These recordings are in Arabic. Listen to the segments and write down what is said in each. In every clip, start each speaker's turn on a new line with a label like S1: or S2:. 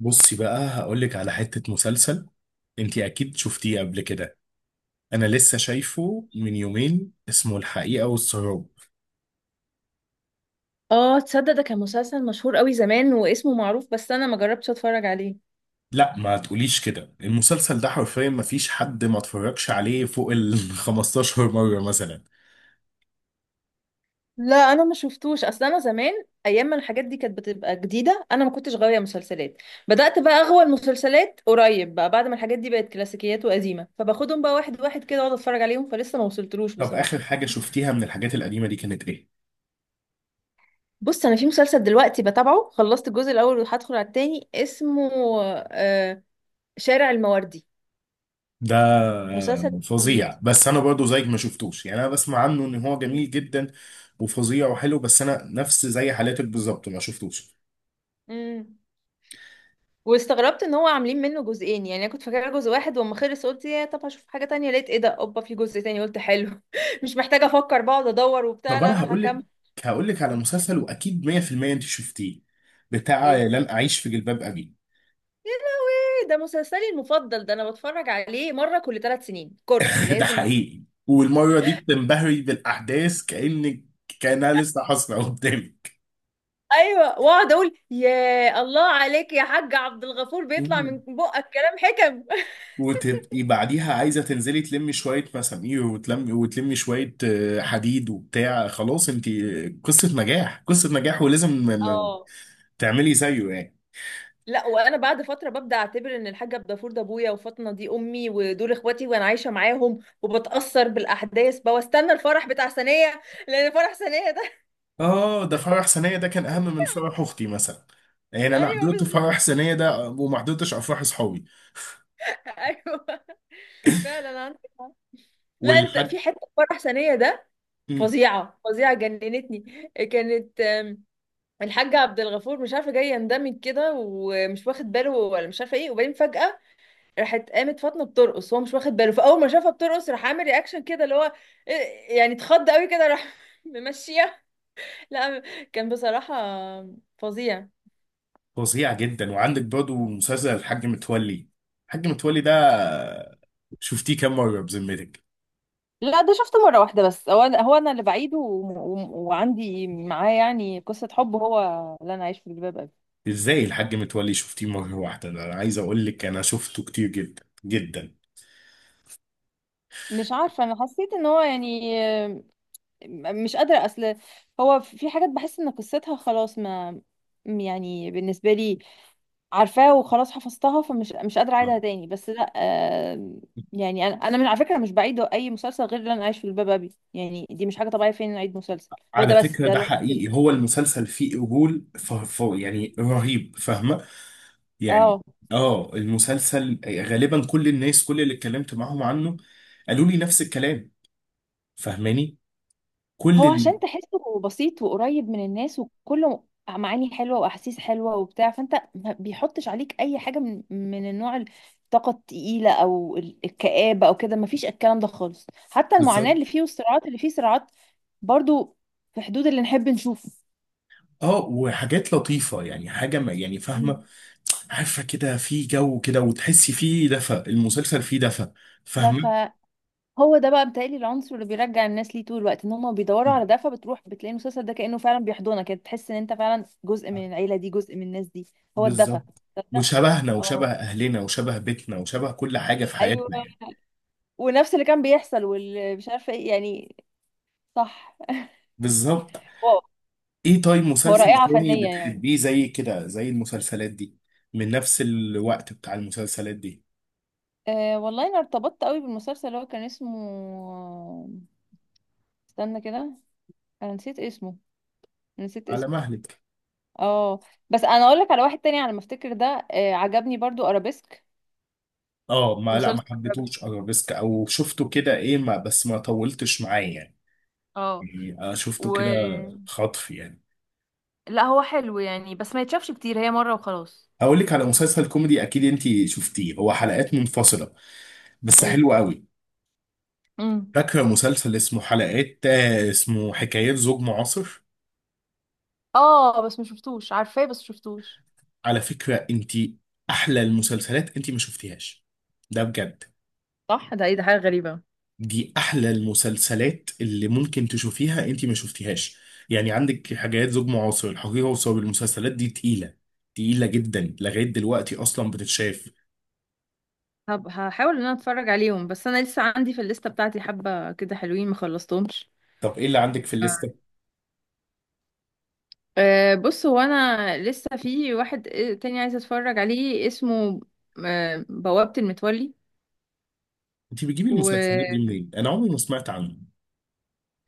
S1: بصي بقى هقولك على حتة مسلسل، انتي اكيد شفتيه قبل كده. انا لسه شايفه من يومين اسمه الحقيقة والسراب.
S2: اه، تصدق؟ ده كان مسلسل مشهور قوي زمان واسمه معروف، بس انا ما جربتش اتفرج عليه.
S1: لا ما تقوليش كده، المسلسل ده حرفيا ما فيش حد ما اتفرجش عليه فوق ال 15 مرة مثلا.
S2: لا، انا ما شفتوش، اصل انا زمان، ايام ما الحاجات دي كانت بتبقى جديده، انا ما كنتش غاويه مسلسلات. بدات بقى اغوى المسلسلات قريب، بقى بعد ما الحاجات دي بقت كلاسيكيات وقديمه، فباخدهم بقى واحد واحد كده واقعد اتفرج عليهم، فلسه ما وصلتلوش
S1: طب
S2: بصراحه.
S1: اخر حاجة شفتيها من الحاجات القديمة دي كانت ايه؟
S2: بص، انا في مسلسل دلوقتي بتابعه، خلصت الجزء الاول وهدخل على التاني، اسمه آه شارع المواردي،
S1: ده
S2: مسلسل تلفزيوني.
S1: فظيع، بس انا برضو زيك ما شفتوش، يعني انا بسمع عنه ان هو جميل جدا وفظيع وحلو، بس انا نفس زي حالاتك بالظبط ما شفتوش.
S2: مم. واستغربت ان هو عاملين منه جزئين، يعني انا كنت فاكره جزء واحد، واما خلص قلت يا طب هشوف حاجه تانية، لقيت ايه ده، اوبا في جزء تاني، قلت حلو مش محتاجه افكر بقعد ادور وبتاع،
S1: طب
S2: لا
S1: انا
S2: انا
S1: هقول لك،
S2: هكمل.
S1: على مسلسل واكيد 100% انت شفتيه، بتاع
S2: ايه،
S1: لن اعيش في جلباب ابي.
S2: ده مسلسلي المفضل ده، انا بتفرج عليه مره كل 3 سنين، كورس
S1: ده
S2: لازم.
S1: حقيقي، والمره دي بتنبهري بالاحداث كانك، كانها لسه حاصله قدامك.
S2: ايوه، واقعد اقول يا الله عليك يا حاج عبد الغفور، بيطلع من
S1: مم.
S2: بقك كلام حكم.
S1: وتبقي بعديها عايزه تنزلي تلمي شويه مسامير، وتلمي وتلمي شويه حديد وبتاع، خلاص انت قصه نجاح، قصه نجاح، ولازم
S2: اه.
S1: تعملي زيه يعني.
S2: لا، وانا بعد فتره ببدا اعتبر ان الحاج عبد الغفور ده ابويا، وفاطمه دي امي، ودول اخواتي، وانا عايشه معاهم، وبتاثر بالاحداث بقى واستنى الفرح بتاع سنيه، لان فرح سنيه ده...
S1: اه ده فرح سنية ده كان اهم من فرح اختي مثلا، يعني انا
S2: ايوه
S1: حضرت
S2: بالظبط،
S1: فرح سنية ده وما حضرتش افراح اصحابي.
S2: ايوه. فعلا عندك حق. لا، انت
S1: والحاج
S2: في حته في فرح سنيه ده، فظيعه فظيعه جننتني، كانت آم، الحاج عبد الغفور مش عارفه جاي يندمج كده ومش واخد باله، ولا مش عارفه ايه، وبعدين فجاه راحت قامت فاطمه بترقص، هو مش واخد باله، فاول ما شافها بترقص راح عامل رياكشن كده اللي هو يعني اتخض قوي كده، راح ممشيها. لا، كان بصراحه فظيع.
S1: فظيع جدا. وعندك برضه مسلسل الحاج متولي، الحاج متولي ده شفتيه كام مرة بذمتك؟
S2: لا، ده شفته مرة واحدة بس، هو أنا اللي بعيده وعندي معاه يعني قصة حب، هو اللي أنا عايش في جلباب أبي.
S1: ازاي الحاج متولي شفتيه مرة واحدة؟ ده انا عايز اقول لك انا شفته كتير جدا جدا.
S2: مش عارفة، أنا حسيت إن هو يعني مش قادرة، أصل هو في حاجات بحس إن قصتها خلاص ما... يعني بالنسبة لي عارفاه وخلاص حفظتها، فمش مش قادرة أعيدها تاني بس، لا آه. يعني أنا من على فكرة مش بعيد أي مسلسل غير اللي أنا عايش في الباب أبي، يعني دي مش حاجة طبيعية فين أعيد مسلسل، هو
S1: على
S2: ده بس
S1: فكرة
S2: ده
S1: ده
S2: الوحيد
S1: حقيقي، هو المسلسل فيه قبول يعني رهيب، فاهمة يعني؟
S2: اه.
S1: اه المسلسل غالبا كل الناس، كل اللي اتكلمت معاهم عنه قالوا لي نفس الكلام، فاهماني؟ كل
S2: هو
S1: اللي
S2: عشان تحسه بسيط وقريب من الناس، وكله معاني حلوة وأحاسيس حلوة وبتاع، فأنت ما بيحطش عليك أي حاجة من النوع الطاقة التقيلة أو الكآبة أو كده، مفيش الكلام ده خالص، حتى المعاناة اللي
S1: بالظبط.
S2: فيه والصراعات اللي فيه صراعات برضو في حدود اللي نحب نشوفه.
S1: اه وحاجات لطيفة، يعني حاجة ما، يعني فاهمة، عارفة كده، في جو كده وتحسي فيه دفى، المسلسل فيه دفى،
S2: ده
S1: فاهمة؟
S2: فهو ده بقى بيتهيألي العنصر اللي بيرجع الناس ليه طول الوقت، ان هم بيدوروا على ده، فبتروح بتلاقي المسلسل ده كأنه فعلا بيحضنك كده، تحس ان انت فعلا جزء من العيلة دي، جزء من الناس دي، هو الدفى،
S1: بالظبط،
S2: تصدق؟
S1: وشبهنا
S2: اه،
S1: وشبه اهلنا وشبه بيتنا وشبه كل حاجة في
S2: ايوه،
S1: حياتنا يعني.
S2: ونفس اللي كان بيحصل واللي مش عارفة ايه يعني، صح،
S1: بالظبط.
S2: واو.
S1: ايه طيب
S2: هو
S1: مسلسل
S2: رائعة
S1: تاني
S2: فنية يعني.
S1: بتحبيه زي كده، زي المسلسلات دي، من نفس الوقت بتاع المسلسلات دي؟
S2: أه والله، انا ارتبطت قوي بالمسلسل اللي هو كان اسمه، استنى كده، انا نسيت اسمه، نسيت
S1: على
S2: اسمه.
S1: مهلك.
S2: اه، بس انا اقول لك على واحد تاني على ما افتكر ده، عجبني برضو ارابيسك.
S1: اه، ما لا
S2: مسلسل،
S1: ما حبيتهوش ارابيسك، او شفته كده ايه، ما بس ما طولتش معاه يعني،
S2: اه
S1: يعني أنا
S2: و
S1: شفته كده خطف يعني.
S2: لا هو حلو يعني بس ما يتشافش كتير، هي مرة وخلاص.
S1: هقول لك على مسلسل كوميدي اكيد انت شفتيه، هو حلقات منفصله بس
S2: ايه،
S1: حلو قوي.
S2: امم
S1: فاكره مسلسل اسمه حلقات اسمه حكايات زوج معاصر؟
S2: اه بس ما شفتوش، عارفاه بس شفتوش.
S1: على فكره انت احلى المسلسلات انت ما شفتيهاش، ده بجد.
S2: صح، ده ايه ده، حاجة غريبة.
S1: دي احلى المسلسلات اللي ممكن تشوفيها انت ما شفتيهاش. يعني عندك حاجات زوج معاصر، الحقيقة وصواب، المسلسلات دي تقيلة، تقيلة جدا لغاية دلوقتي اصلا بتتشاف.
S2: هحاول ان انا اتفرج عليهم، بس انا لسه عندي في الليستة بتاعتي حبة كده حلوين ما خلصتهمش.
S1: طب ايه اللي عندك في الليستة؟
S2: بص، هو انا لسه في واحد تاني عايزة اتفرج عليه، اسمه بوابة المتولي.
S1: انت بتجيبي المسلسلات دي منين؟ انا عمري ما سمعت عنه.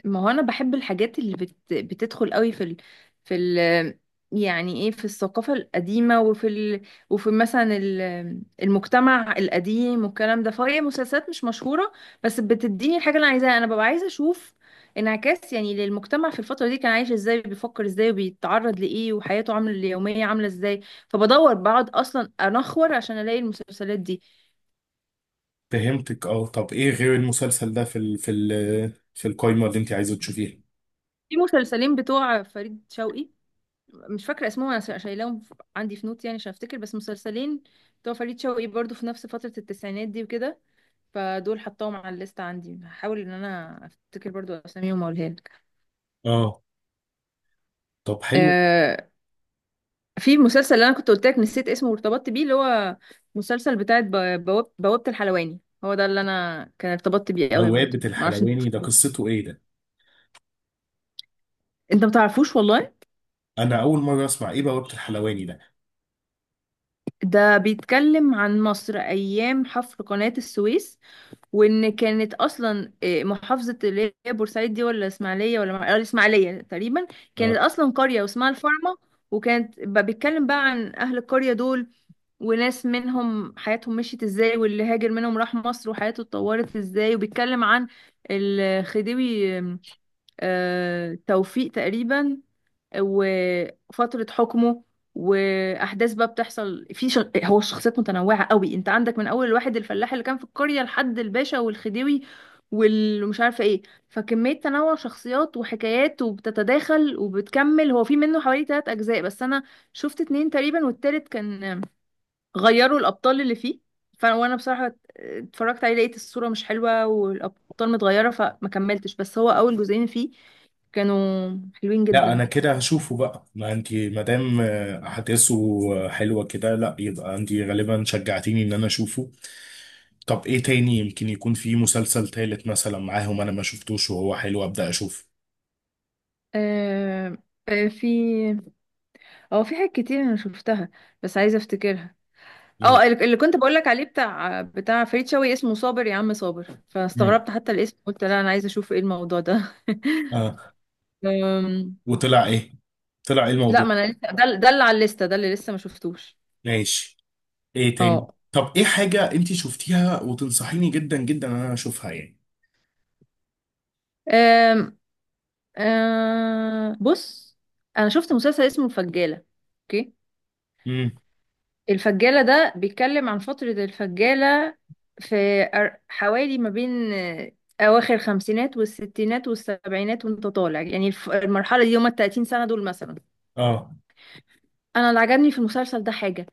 S2: ما هو انا بحب الحاجات اللي بتدخل قوي في ال... يعني ايه في الثقافة القديمة، وفي مثلا المجتمع القديم والكلام ده، فهي مسلسلات مش مشهورة، بس بتديني الحاجة اللي انا عايزاها، انا ببقى عايزة اشوف انعكاس يعني للمجتمع في الفترة دي كان عايش ازاي، بيفكر ازاي، وبيتعرض لايه، وحياته عاملة اليومية عاملة ازاي، فبدور بقعد اصلا انخور عشان الاقي المسلسلات دي.
S1: فهمتك، اه. طب ايه غير المسلسل ده في ال في ال في القايمة اللي انت عايزة تشوفيها؟
S2: في مسلسلين بتوع فريد شوقي، مش فاكرة اسمهم، أنا شايلاهم عندي في نوت يعني عشان أفتكر، بس مسلسلين بتوع فريد شوقي برضو في نفس فترة التسعينات دي وكده، فدول حطاهم على الليست عندي، هحاول إن أنا أفتكر برضو أساميهم وأقولها لك.
S1: اه. طب حلو.
S2: آه في مسلسل اللي أنا كنت قلت لك نسيت اسمه وارتبطت بيه، اللي هو مسلسل بتاع بوابة الحلواني، هو ده اللي أنا كان ارتبطت بيه قوي برضو،
S1: بوابة
S2: معرفش انت.
S1: الحلواني ده قصته ايه ده؟
S2: انت متعرفوش والله.
S1: انا اول مرة اسمع، ايه بوابة الحلواني ده؟
S2: ده بيتكلم عن مصر أيام حفر قناة السويس، وان كانت اصلا محافظه اللي هي بورسعيد دي ولا اسماعيليه، ولا الاسماعيليه تقريبا، كانت
S1: آه.
S2: اصلا قريه واسمها الفارمه. وكانت بيتكلم بقى عن اهل القريه دول، وناس منهم حياتهم مشيت ازاي، واللي هاجر منهم راح مصر وحياته اتطورت ازاي، وبيتكلم عن الخديوي توفيق تقريبا، وفترة حكمه، وأحداث بقى بتحصل هو الشخصيات متنوعة قوي، انت عندك من أول الواحد الفلاح اللي كان في القرية لحد الباشا والخديوي والمش عارفة ايه، فكمية تنوع شخصيات وحكايات وبتتداخل وبتكمل، هو في منه حوالي تلات أجزاء، بس أنا شفت اتنين تقريبا، والتالت كان غيروا الأبطال اللي فيه، وانا بصراحة اتفرجت عليه لقيت الصورة مش حلوة والأبطال متغيرة فما كملتش، بس هو أول جزئين فيه كانوا حلوين
S1: لا
S2: جدا.
S1: انا كده هشوفه بقى، ما انت ما دام احداثه حلوه كده، لا يبقى انت غالبا شجعتيني ان انا اشوفه. طب ايه تاني، يمكن يكون في مسلسل تالت مثلا معاهم انا ما شفتوش وهو حلو، ابدا اشوفه.
S2: آه، آه، في حاجات كتير انا شفتها، بس عايزه افتكرها.
S1: مم.
S2: اه، اللي كنت بقولك عليه بتاع فريد شوقي اسمه صابر يا عم صابر،
S1: مم.
S2: فاستغربت حتى الاسم، قلت لا انا عايزه اشوف ايه الموضوع ده.
S1: اه،
S2: أم،
S1: وطلع ايه، طلع ايه
S2: لا،
S1: الموضوع؟
S2: ما انا لسه، ده اللي على الليسته، ده اللي لسه ما شفتوش.
S1: ماشي. ايه تاني،
S2: اه،
S1: طب ايه حاجه انت شفتيها وتنصحيني جدا جدا ان انا اشوفها يعني؟
S2: أم، آه، بص، انا شفت مسلسل اسمه الفجاله، اوكي.
S1: مم.
S2: الفجالة ده بيتكلم عن فترة الفجالة، حوالي ما بين أواخر الخمسينات والستينات والسبعينات وانت طالع، يعني المرحلة دي هما التلاتين سنة دول مثلا.
S1: اه
S2: أنا اللي عجبني في المسلسل ده حاجة،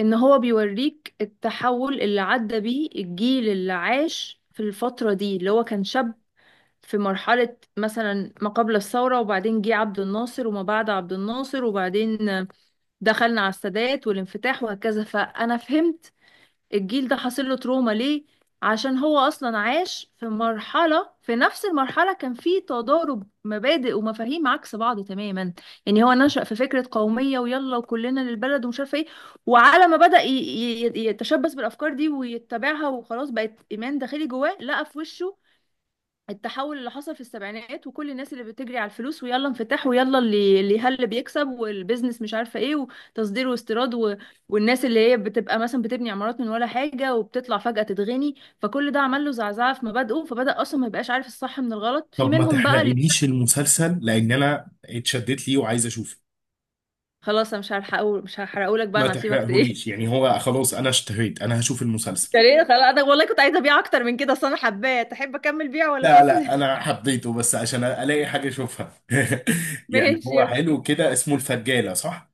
S2: إن هو بيوريك التحول اللي عدى بيه الجيل اللي عاش في الفترة دي، اللي هو كان شاب في مرحلة مثلا ما قبل الثورة، وبعدين جه عبد الناصر وما بعد عبد الناصر، وبعدين دخلنا على السادات والانفتاح وهكذا، فأنا فهمت الجيل ده حاصل له تروما ليه، عشان هو اصلا عاش في مرحله، في نفس المرحله كان في تضارب مبادئ ومفاهيم عكس بعض تماما. يعني هو نشأ في فكره قوميه، ويلا وكلنا للبلد ومش عارفه ايه، وعلى ما بدأ يتشبث بالافكار دي ويتبعها وخلاص بقت ايمان داخلي جواه، لقى في وشه التحول اللي حصل في السبعينات، وكل الناس اللي بتجري على الفلوس، ويلا انفتاح، ويلا اللي هل بيكسب والبيزنس مش عارفه ايه، وتصدير واستيراد والناس اللي هي بتبقى مثلا بتبني عمارات من ولا حاجه وبتطلع فجأة تتغني، فكل ده عمل له زعزعه في مبادئه، فبدأ اصلا ما يبقاش عارف الصح من الغلط في
S1: طب ما
S2: منهم بقى اللي...
S1: تحرقليش المسلسل، لان انا اتشدت ليه وعايز اشوفه.
S2: خلاص، انا مش هحرقه، مش هحرقهولك بقى،
S1: ما
S2: انا هسيبك ايه.
S1: تحرقهوليش يعني، هو خلاص انا اشتهيت، انا هشوف المسلسل.
S2: ليه؟ خلاص، انا والله كنت عايزه ابيع اكتر من كده، اصل انا حباه، تحب اكمل بيع ولا
S1: لا
S2: خلاص؟
S1: لا انا حبيته بس عشان الاقي حاجه اشوفها. يعني
S2: ماشي،
S1: هو
S2: اوكي.
S1: حلو كده، اسمه الفجاله صح؟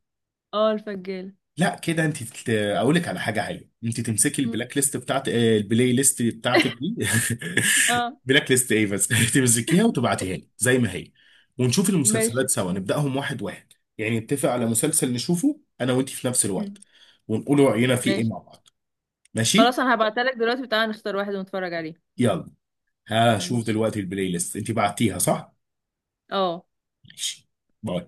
S2: اه، الفجاله.
S1: لا كده انت اقول لك على حاجه حلوه، انت تمسكي
S2: م.
S1: البلاك ليست بتاعت البلاي ليست بتاعتك دي.
S2: اه،
S1: بلاك ليست ايه بس؟ تمسكيها وتبعتيها لي زي ما هي، ونشوف المسلسلات
S2: ماشي.
S1: سوا، نبداهم واحد واحد. يعني نتفق على مسلسل نشوفه انا وانت في نفس الوقت،
S2: م.
S1: ونقول راينا فيه ايه
S2: ماشي،
S1: مع بعض.
S2: خلاص
S1: ماشي.
S2: انا هبعتلك دلوقتي، وتعالى نختار واحد ونتفرج عليه.
S1: يلا، هشوف
S2: ماشي،
S1: دلوقتي البلاي ليست انت بعتيها صح؟
S2: اه.
S1: ماشي. باي.